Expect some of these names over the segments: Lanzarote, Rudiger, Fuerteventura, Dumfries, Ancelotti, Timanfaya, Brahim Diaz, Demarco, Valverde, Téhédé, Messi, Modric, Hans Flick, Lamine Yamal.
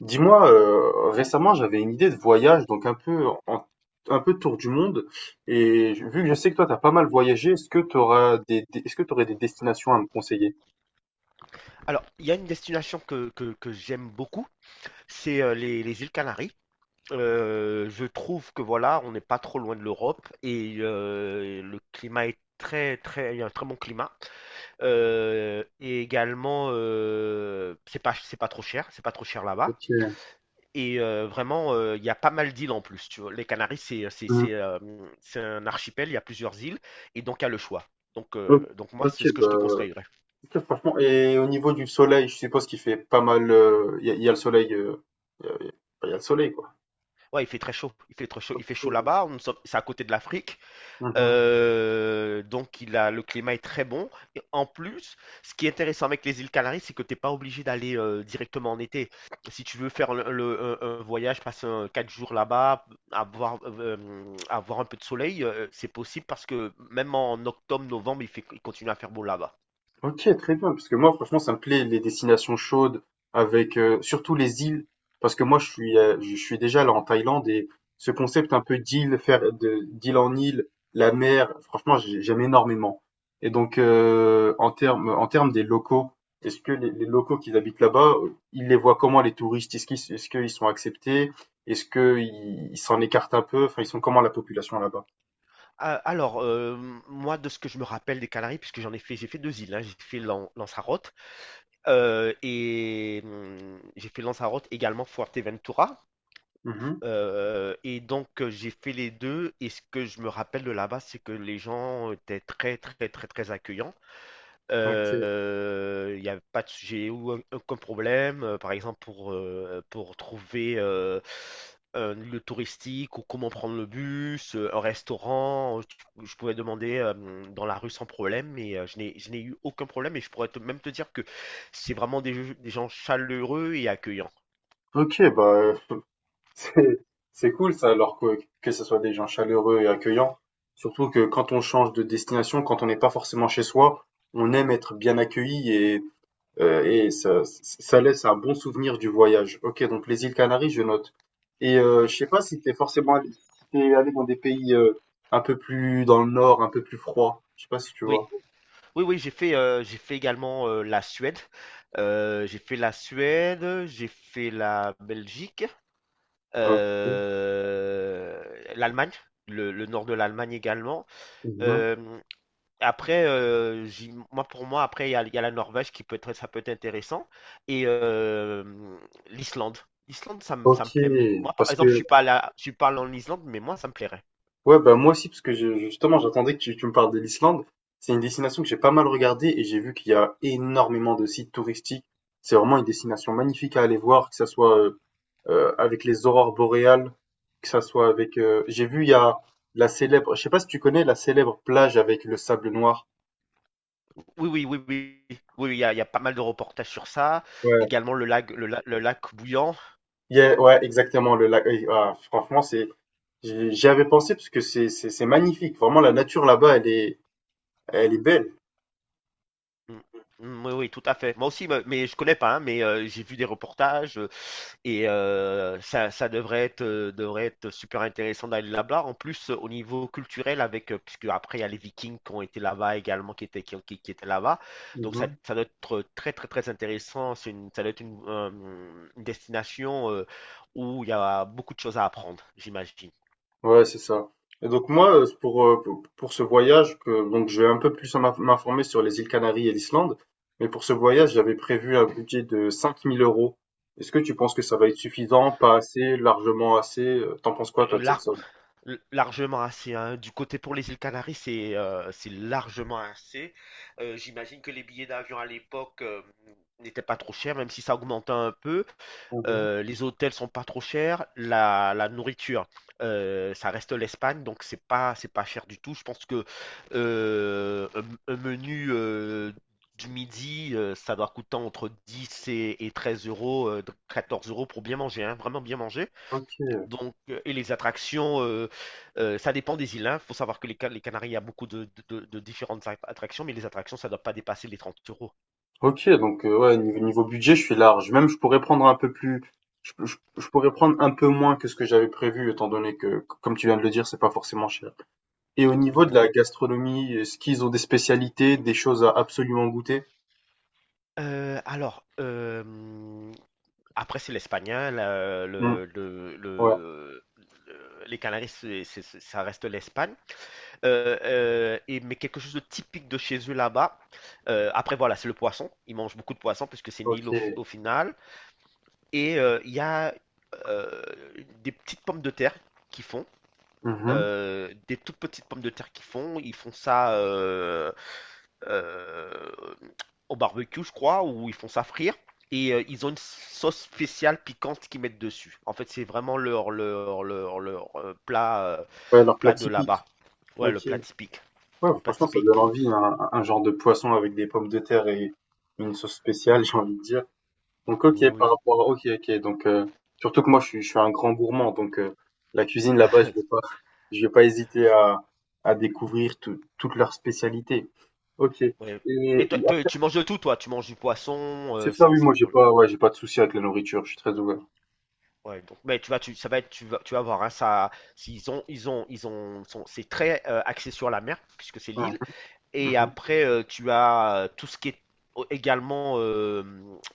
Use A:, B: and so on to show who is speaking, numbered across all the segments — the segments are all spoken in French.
A: Dis-moi, récemment, j'avais une idée de voyage, donc un peu en un peu tour du monde et je vu que je sais que toi, t'as pas mal voyagé, est-ce que tu auras des est-ce que tu aurais des destinations à me conseiller?
B: Alors, il y a une destination que j'aime beaucoup, c'est les îles Canaries. Je trouve que voilà, on n'est pas trop loin de l'Europe et le climat est il y a un très bon climat. Et également, c'est pas trop cher, c'est pas trop cher là-bas.
A: OK.
B: Vraiment, il y a pas mal d'îles en plus. Tu vois, les Canaries,
A: Mmh.
B: c'est un archipel, il y a plusieurs îles et donc il y a le choix. Donc
A: O
B: euh, donc moi,
A: OK,
B: c'est ce que je te conseillerais.
A: OK, franchement et au niveau du soleil, je suppose qu'il fait pas mal, il y a y a le soleil, il y a y a le soleil, quoi.
B: Ouais, il fait très chaud. Il fait très chaud. Il fait chaud
A: OK.
B: là-bas. C'est à côté de l'Afrique.
A: Mmh.
B: Donc, le climat est très bon. Et en plus, ce qui est intéressant avec les îles Canaries, c'est que tu n'es pas obligé d'aller directement en été. Si tu veux faire un voyage, passer quatre jours là-bas, avoir, euh, avoir un peu de soleil, c'est possible parce que même en octobre, novembre, il continue à faire beau là-bas.
A: Ok, très bien, parce que moi, franchement, ça me plaît les destinations chaudes, avec surtout les îles, parce que moi, je suis déjà là en Thaïlande et ce concept un peu d'île, faire de d'île en île, la mer, franchement, j'aime énormément. Et donc, en termes des locaux, est-ce que les locaux qui habitent là-bas, ils les voient comment les touristes? Est-ce qu'ils sont acceptés? Est-ce qu'ils s'en écartent un peu? Enfin, ils sont comment la population là-bas?
B: Alors, moi, de ce que je me rappelle des Canaries, puisque j'en ai fait, j'ai fait deux îles, hein. J'ai fait Lanzarote. J'ai fait Lanzarote également, Fuerteventura.
A: Mhm.
B: J'ai fait les deux. Et ce que je me rappelle de là-bas, c'est que les gens étaient très très très très accueillants.
A: Ok.
B: Il n'y a pas de sujet ou aucun problème, par exemple pour trouver un lieu touristique ou comment prendre le bus, un restaurant. Je pouvais demander dans la rue sans problème, mais je n'ai eu aucun problème et je pourrais même te dire que c'est vraiment des gens chaleureux et accueillants.
A: Ok, bah, c'est cool ça, alors que ce soit des gens chaleureux et accueillants. Surtout que quand on change de destination, quand on n'est pas forcément chez soi, on aime être bien accueilli et ça laisse un bon souvenir du voyage. Ok, donc les îles Canaries, je note. Et je
B: Oui,
A: sais pas si t'es forcément allé, si t'es allé dans des pays un peu plus dans le nord, un peu plus froid. Je sais pas si tu
B: oui,
A: vois.
B: oui, oui, j'ai fait également la Suède. J'ai fait la Suède, j'ai fait la Belgique,
A: Ok.
B: euh, l'Allemagne, le nord de l'Allemagne également.
A: Mhm.
B: Euh, Moi pour moi, après il y a la Norvège qui peut être, ça peut être intéressant et l'Islande. L'Islande, ça me
A: Ok,
B: plaît. Moi, par
A: parce
B: exemple,
A: que
B: je suis pas allé en Islande, mais moi, ça me plairait.
A: ouais, bah moi aussi, parce que justement, j'attendais que tu me parles de l'Islande. C'est une destination que j'ai pas mal regardée et j'ai vu qu'il y a énormément de sites touristiques. C'est vraiment une destination magnifique à aller voir, que ça soit avec les aurores boréales, que ça soit avec j'ai vu, il y a la Je sais pas si tu connais la célèbre plage avec le sable noir.
B: Oui, oui, oui, oui, oui, oui, il y a, il y a pas mal de reportages sur ça.
A: Ouais.
B: Également le lac, le lac bouillant.
A: Ouais, exactement. Le lac, ah, franchement, J'y avais pensé parce que c'est magnifique. Vraiment, la nature là-bas, elle est belle.
B: Mm, mm, oui, oui, tout à fait. Moi aussi, mais je connais pas, hein, mais j'ai vu des reportages. Ça, ça devrait être super intéressant d'aller là-bas. En plus, au niveau culturel, avec, puisque après, il y a les Vikings qui ont été là-bas également, qui étaient, qui, ont- qui étaient là-bas. Donc, ça,
A: Mhm.
B: ça doit être très, très, très intéressant. Ça doit être une destination où il y a beaucoup de choses à apprendre, j'imagine.
A: Ouais, c'est ça. Et donc moi, pour ce voyage, donc je vais un peu plus m'informer sur les îles Canaries et l'Islande, mais pour ce voyage, j'avais prévu un budget de 5000 euros. Est-ce que tu penses que ça va être suffisant, pas assez, largement assez? T'en penses quoi, toi,
B: Euh,
A: de cette
B: l'ar-
A: somme?
B: Largement assez, hein. Du côté pour les îles Canaries, c'est largement assez. J'imagine que les billets d'avion à l'époque n'étaient pas trop chers, même si ça augmentait un peu.
A: Mhm.
B: Les hôtels sont pas trop chers. La nourriture, ça reste l'Espagne, donc c'est pas cher du tout. Je pense que un menu du midi, ça doit coûter entre 10 et 13 euros, 14 euros pour bien manger, hein, vraiment bien manger.
A: Ok.
B: Et les attractions, ça dépend des îles. Il faut savoir que les Canaries, il y a beaucoup de différentes attractions, mais les attractions, ça ne doit pas dépasser les 30 euros.
A: Ok, donc ouais, niveau budget, je suis large. Même, je pourrais prendre un peu plus, je pourrais prendre un peu moins que ce que j'avais prévu, étant donné que, comme tu viens de le dire, c'est pas forcément cher. Et au niveau de
B: Non.
A: la gastronomie, est-ce qu'ils ont des spécialités, des choses à absolument goûter?
B: Euh, alors, euh, Après, c'est l'espagnol.
A: Mmh. Ouais,
B: Les Canaries, ça reste l'Espagne. Mais quelque chose de typique de chez eux là-bas. Après, voilà, c'est le poisson. Ils mangent beaucoup de poisson puisque c'est une île
A: OK.
B: au final. Il y a euh, des petites pommes de terre qui font.
A: Mmh.
B: Des toutes petites pommes de terre qui font, ils font ça euh, au barbecue, je crois, ou ils font ça frire. Et ils ont une sauce spéciale piquante qu'ils mettent dessus. En fait, c'est vraiment leur
A: Ouais, leur plat
B: plat de
A: typique.
B: là-bas. Ouais, le
A: OK.
B: plat typique.
A: Ouais,
B: Le plat
A: franchement, ça
B: typique.
A: donne envie, hein, un genre de poisson avec des pommes de terre et une sauce spéciale, j'ai envie de dire. Donc OK,
B: Oui,
A: par
B: oui,
A: rapport à OK, donc surtout que moi, je suis un grand gourmand, donc la cuisine là-bas, je vais pas je vais pas hésiter à découvrir toutes leurs spécialités. OK et
B: ouais.
A: et
B: Et toi, toi,
A: ah,
B: tu manges de tout, toi. Tu manges du poisson,
A: c'est
B: euh,
A: ça,
B: sans,
A: oui,
B: sans
A: moi, j'ai
B: problème.
A: pas ouais, j'ai pas de souci avec la nourriture, je suis très ouvert.
B: Ouais, donc, ça va être, tu vas voir, hein, ça, s'ils ont, ils ont, ils ont, sont- c'est très axé sur la mer puisque c'est
A: Mmh.
B: l'île.
A: Mmh
B: Et
A: mh.
B: après, tu as tout ce qui est également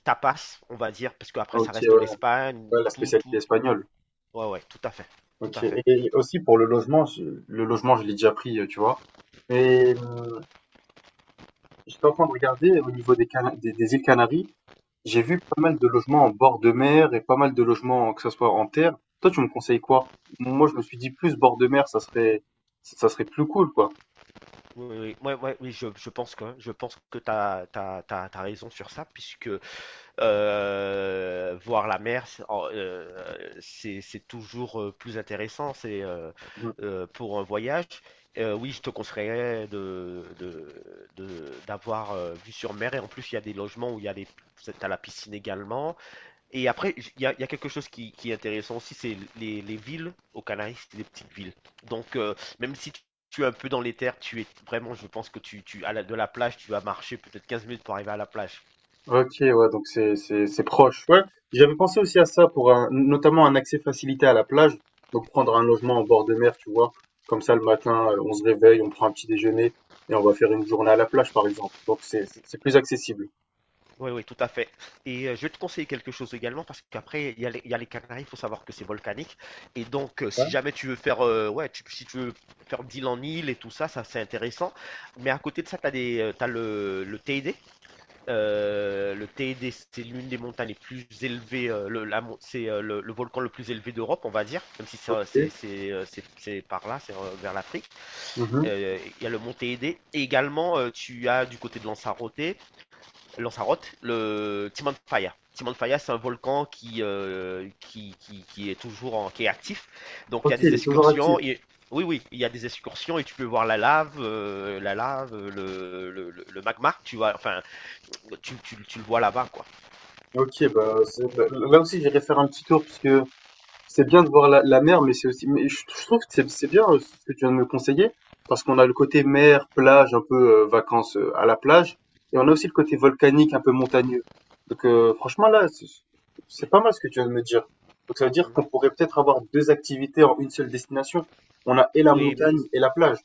B: tapas, on va dire, parce qu'après ça
A: OK,
B: reste l'Espagne,
A: ouais, la spécialité
B: tout.
A: espagnole.
B: Ouais, ouais, tout à fait, tout à
A: OK
B: fait.
A: et aussi pour le logement, je l'ai déjà pris, tu vois? Mais, mmh, j'étais en train de regarder au niveau des Cana des îles Canaries, j'ai vu pas mal de logements en bord de mer et pas mal de logements, que ce soit en terre. Toi, tu me conseilles quoi? Moi, je me suis dit plus bord de mer, ça serait plus cool, quoi.
B: Oui, oui, oui, ouais, ouais, oui, je pense que t'as raison sur ça puisque voir la mer, c'est toujours plus intéressant. C'est pour un voyage. Oui, je te conseillerais d'avoir vue sur mer. Et en plus, il y a des logements où il y a les, t'as la piscine également. Et après, il y a quelque chose qui est intéressant aussi, c'est les villes aux Canaries, c'est des petites villes. Donc, même si tu es un peu dans les terres, tu es vraiment, je pense que de la plage, tu vas marcher peut-être 15 minutes pour arriver à la plage.
A: Ok, ouais, donc c'est c'est proche. Ouais, j'avais pensé aussi à ça pour notamment un accès facilité à la plage, donc prendre un logement en bord de mer, tu vois, comme ça le matin, on se réveille, on prend un petit déjeuner et on va faire une journée à la plage, par exemple. Donc c'est plus accessible.
B: Oui, oui, tout à fait. Et je vais te conseiller quelque chose également parce qu'après, il y a les Canaries, il faut savoir que c'est volcanique. Et donc,
A: Ouais.
B: si jamais tu veux faire, ouais, si tu veux faire d'île en île et tout ça, ça c'est intéressant. Mais à côté de ça, t'as le TED. Le TED, c'est l'une des montagnes les plus élevées, c'est le volcan le plus élevé d'Europe, on va dire, même si
A: Ok.
B: c'est par là, c'est vers l'Afrique.
A: Mhm.
B: Il y a le mont Téhédé. Et également, tu as du côté de Lanzarote. Lanzarote, le Timanfaya. Timanfaya, c'est un volcan qui est qui est actif. Donc il y a
A: Ok,
B: des
A: il est toujours actif.
B: excursions. Oui, oui, il y a des excursions et tu peux voir la lave, le magma. Tu vois, enfin, tu le vois là-bas, quoi.
A: Ok, bah, là aussi j'irai faire un petit tour parce que c'est bien de voir la mer, mais c'est aussi mais je trouve que c'est bien, ce que tu viens de me conseiller, parce qu'on a le côté mer, plage, un peu, vacances, à la plage et on a aussi le côté volcanique, un peu montagneux. Donc franchement là, c'est pas mal ce que tu viens de me dire. Donc ça veut dire qu'on
B: Mhm.
A: pourrait peut-être avoir 2 activités en une seule destination. On a et la
B: Oui,
A: montagne et la plage.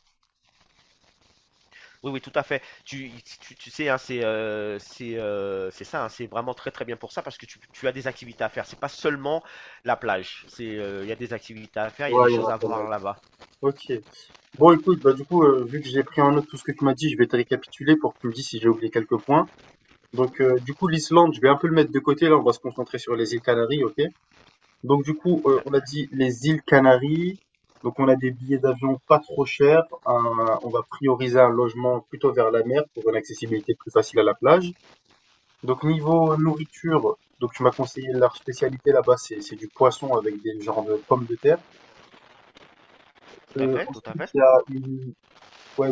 B: oui, oui, tout à fait. Tu sais, hein, c'est ça, hein, c'est vraiment très très bien pour ça parce que tu as des activités à faire. C'est pas seulement la plage. Il y a des activités à faire, il y a des
A: Ouais, il y en
B: choses
A: a
B: à
A: pas mal.
B: voir là-bas.
A: OK. Bon écoute, bah, du coup, vu que j'ai pris en note tout ce que tu m'as dit, je vais te récapituler pour que tu me dises si j'ai oublié quelques points. Donc, du coup, l'Islande, je vais un peu le mettre de côté. Là, on va se concentrer sur les îles Canaries, ok? Donc, du coup,
B: Là,
A: on a dit les îles Canaries. Donc, on a des billets d'avion pas trop chers. On va prioriser un logement plutôt vers la mer pour une accessibilité plus facile à la plage. Donc, niveau nourriture, donc tu m'as conseillé leur spécialité là-bas, c'est du poisson avec des genres de pommes de terre.
B: tout à fait, tout à
A: Ensuite,
B: fait.
A: il y a une, ouais,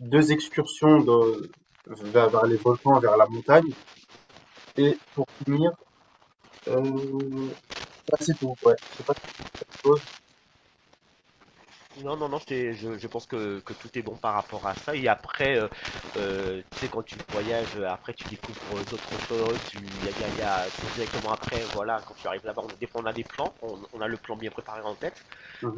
A: deux excursions vers, vers les volcans, vers la montagne. Et pour finir, euh, ouais, c'est tout, ouais. Je sais pas quelque chose.
B: Non, non, non, je pense que tout est bon par rapport à ça. Et après, tu sais, quand tu voyages, après, tu découvres d'autres choses. Tu, y a, y a- y a- C'est directement après, voilà, quand tu arrives là-bas, des fois, on a des plans, on a le plan bien préparé en tête.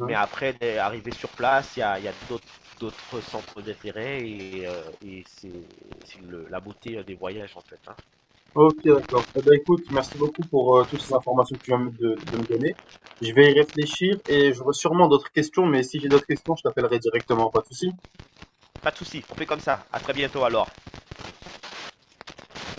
B: Mais après, arrivé sur place, y a d'autres centres d'intérêt et, c'est la beauté des voyages, en fait, hein.
A: Ok, d'accord. Eh ben, écoute, merci beaucoup pour toutes ces informations que tu viens de me donner. Je vais y réfléchir et j'aurai sûrement d'autres questions, mais si j'ai d'autres questions, je t'appellerai directement, pas de souci.
B: Pas de souci, on fait comme ça. À très bientôt alors.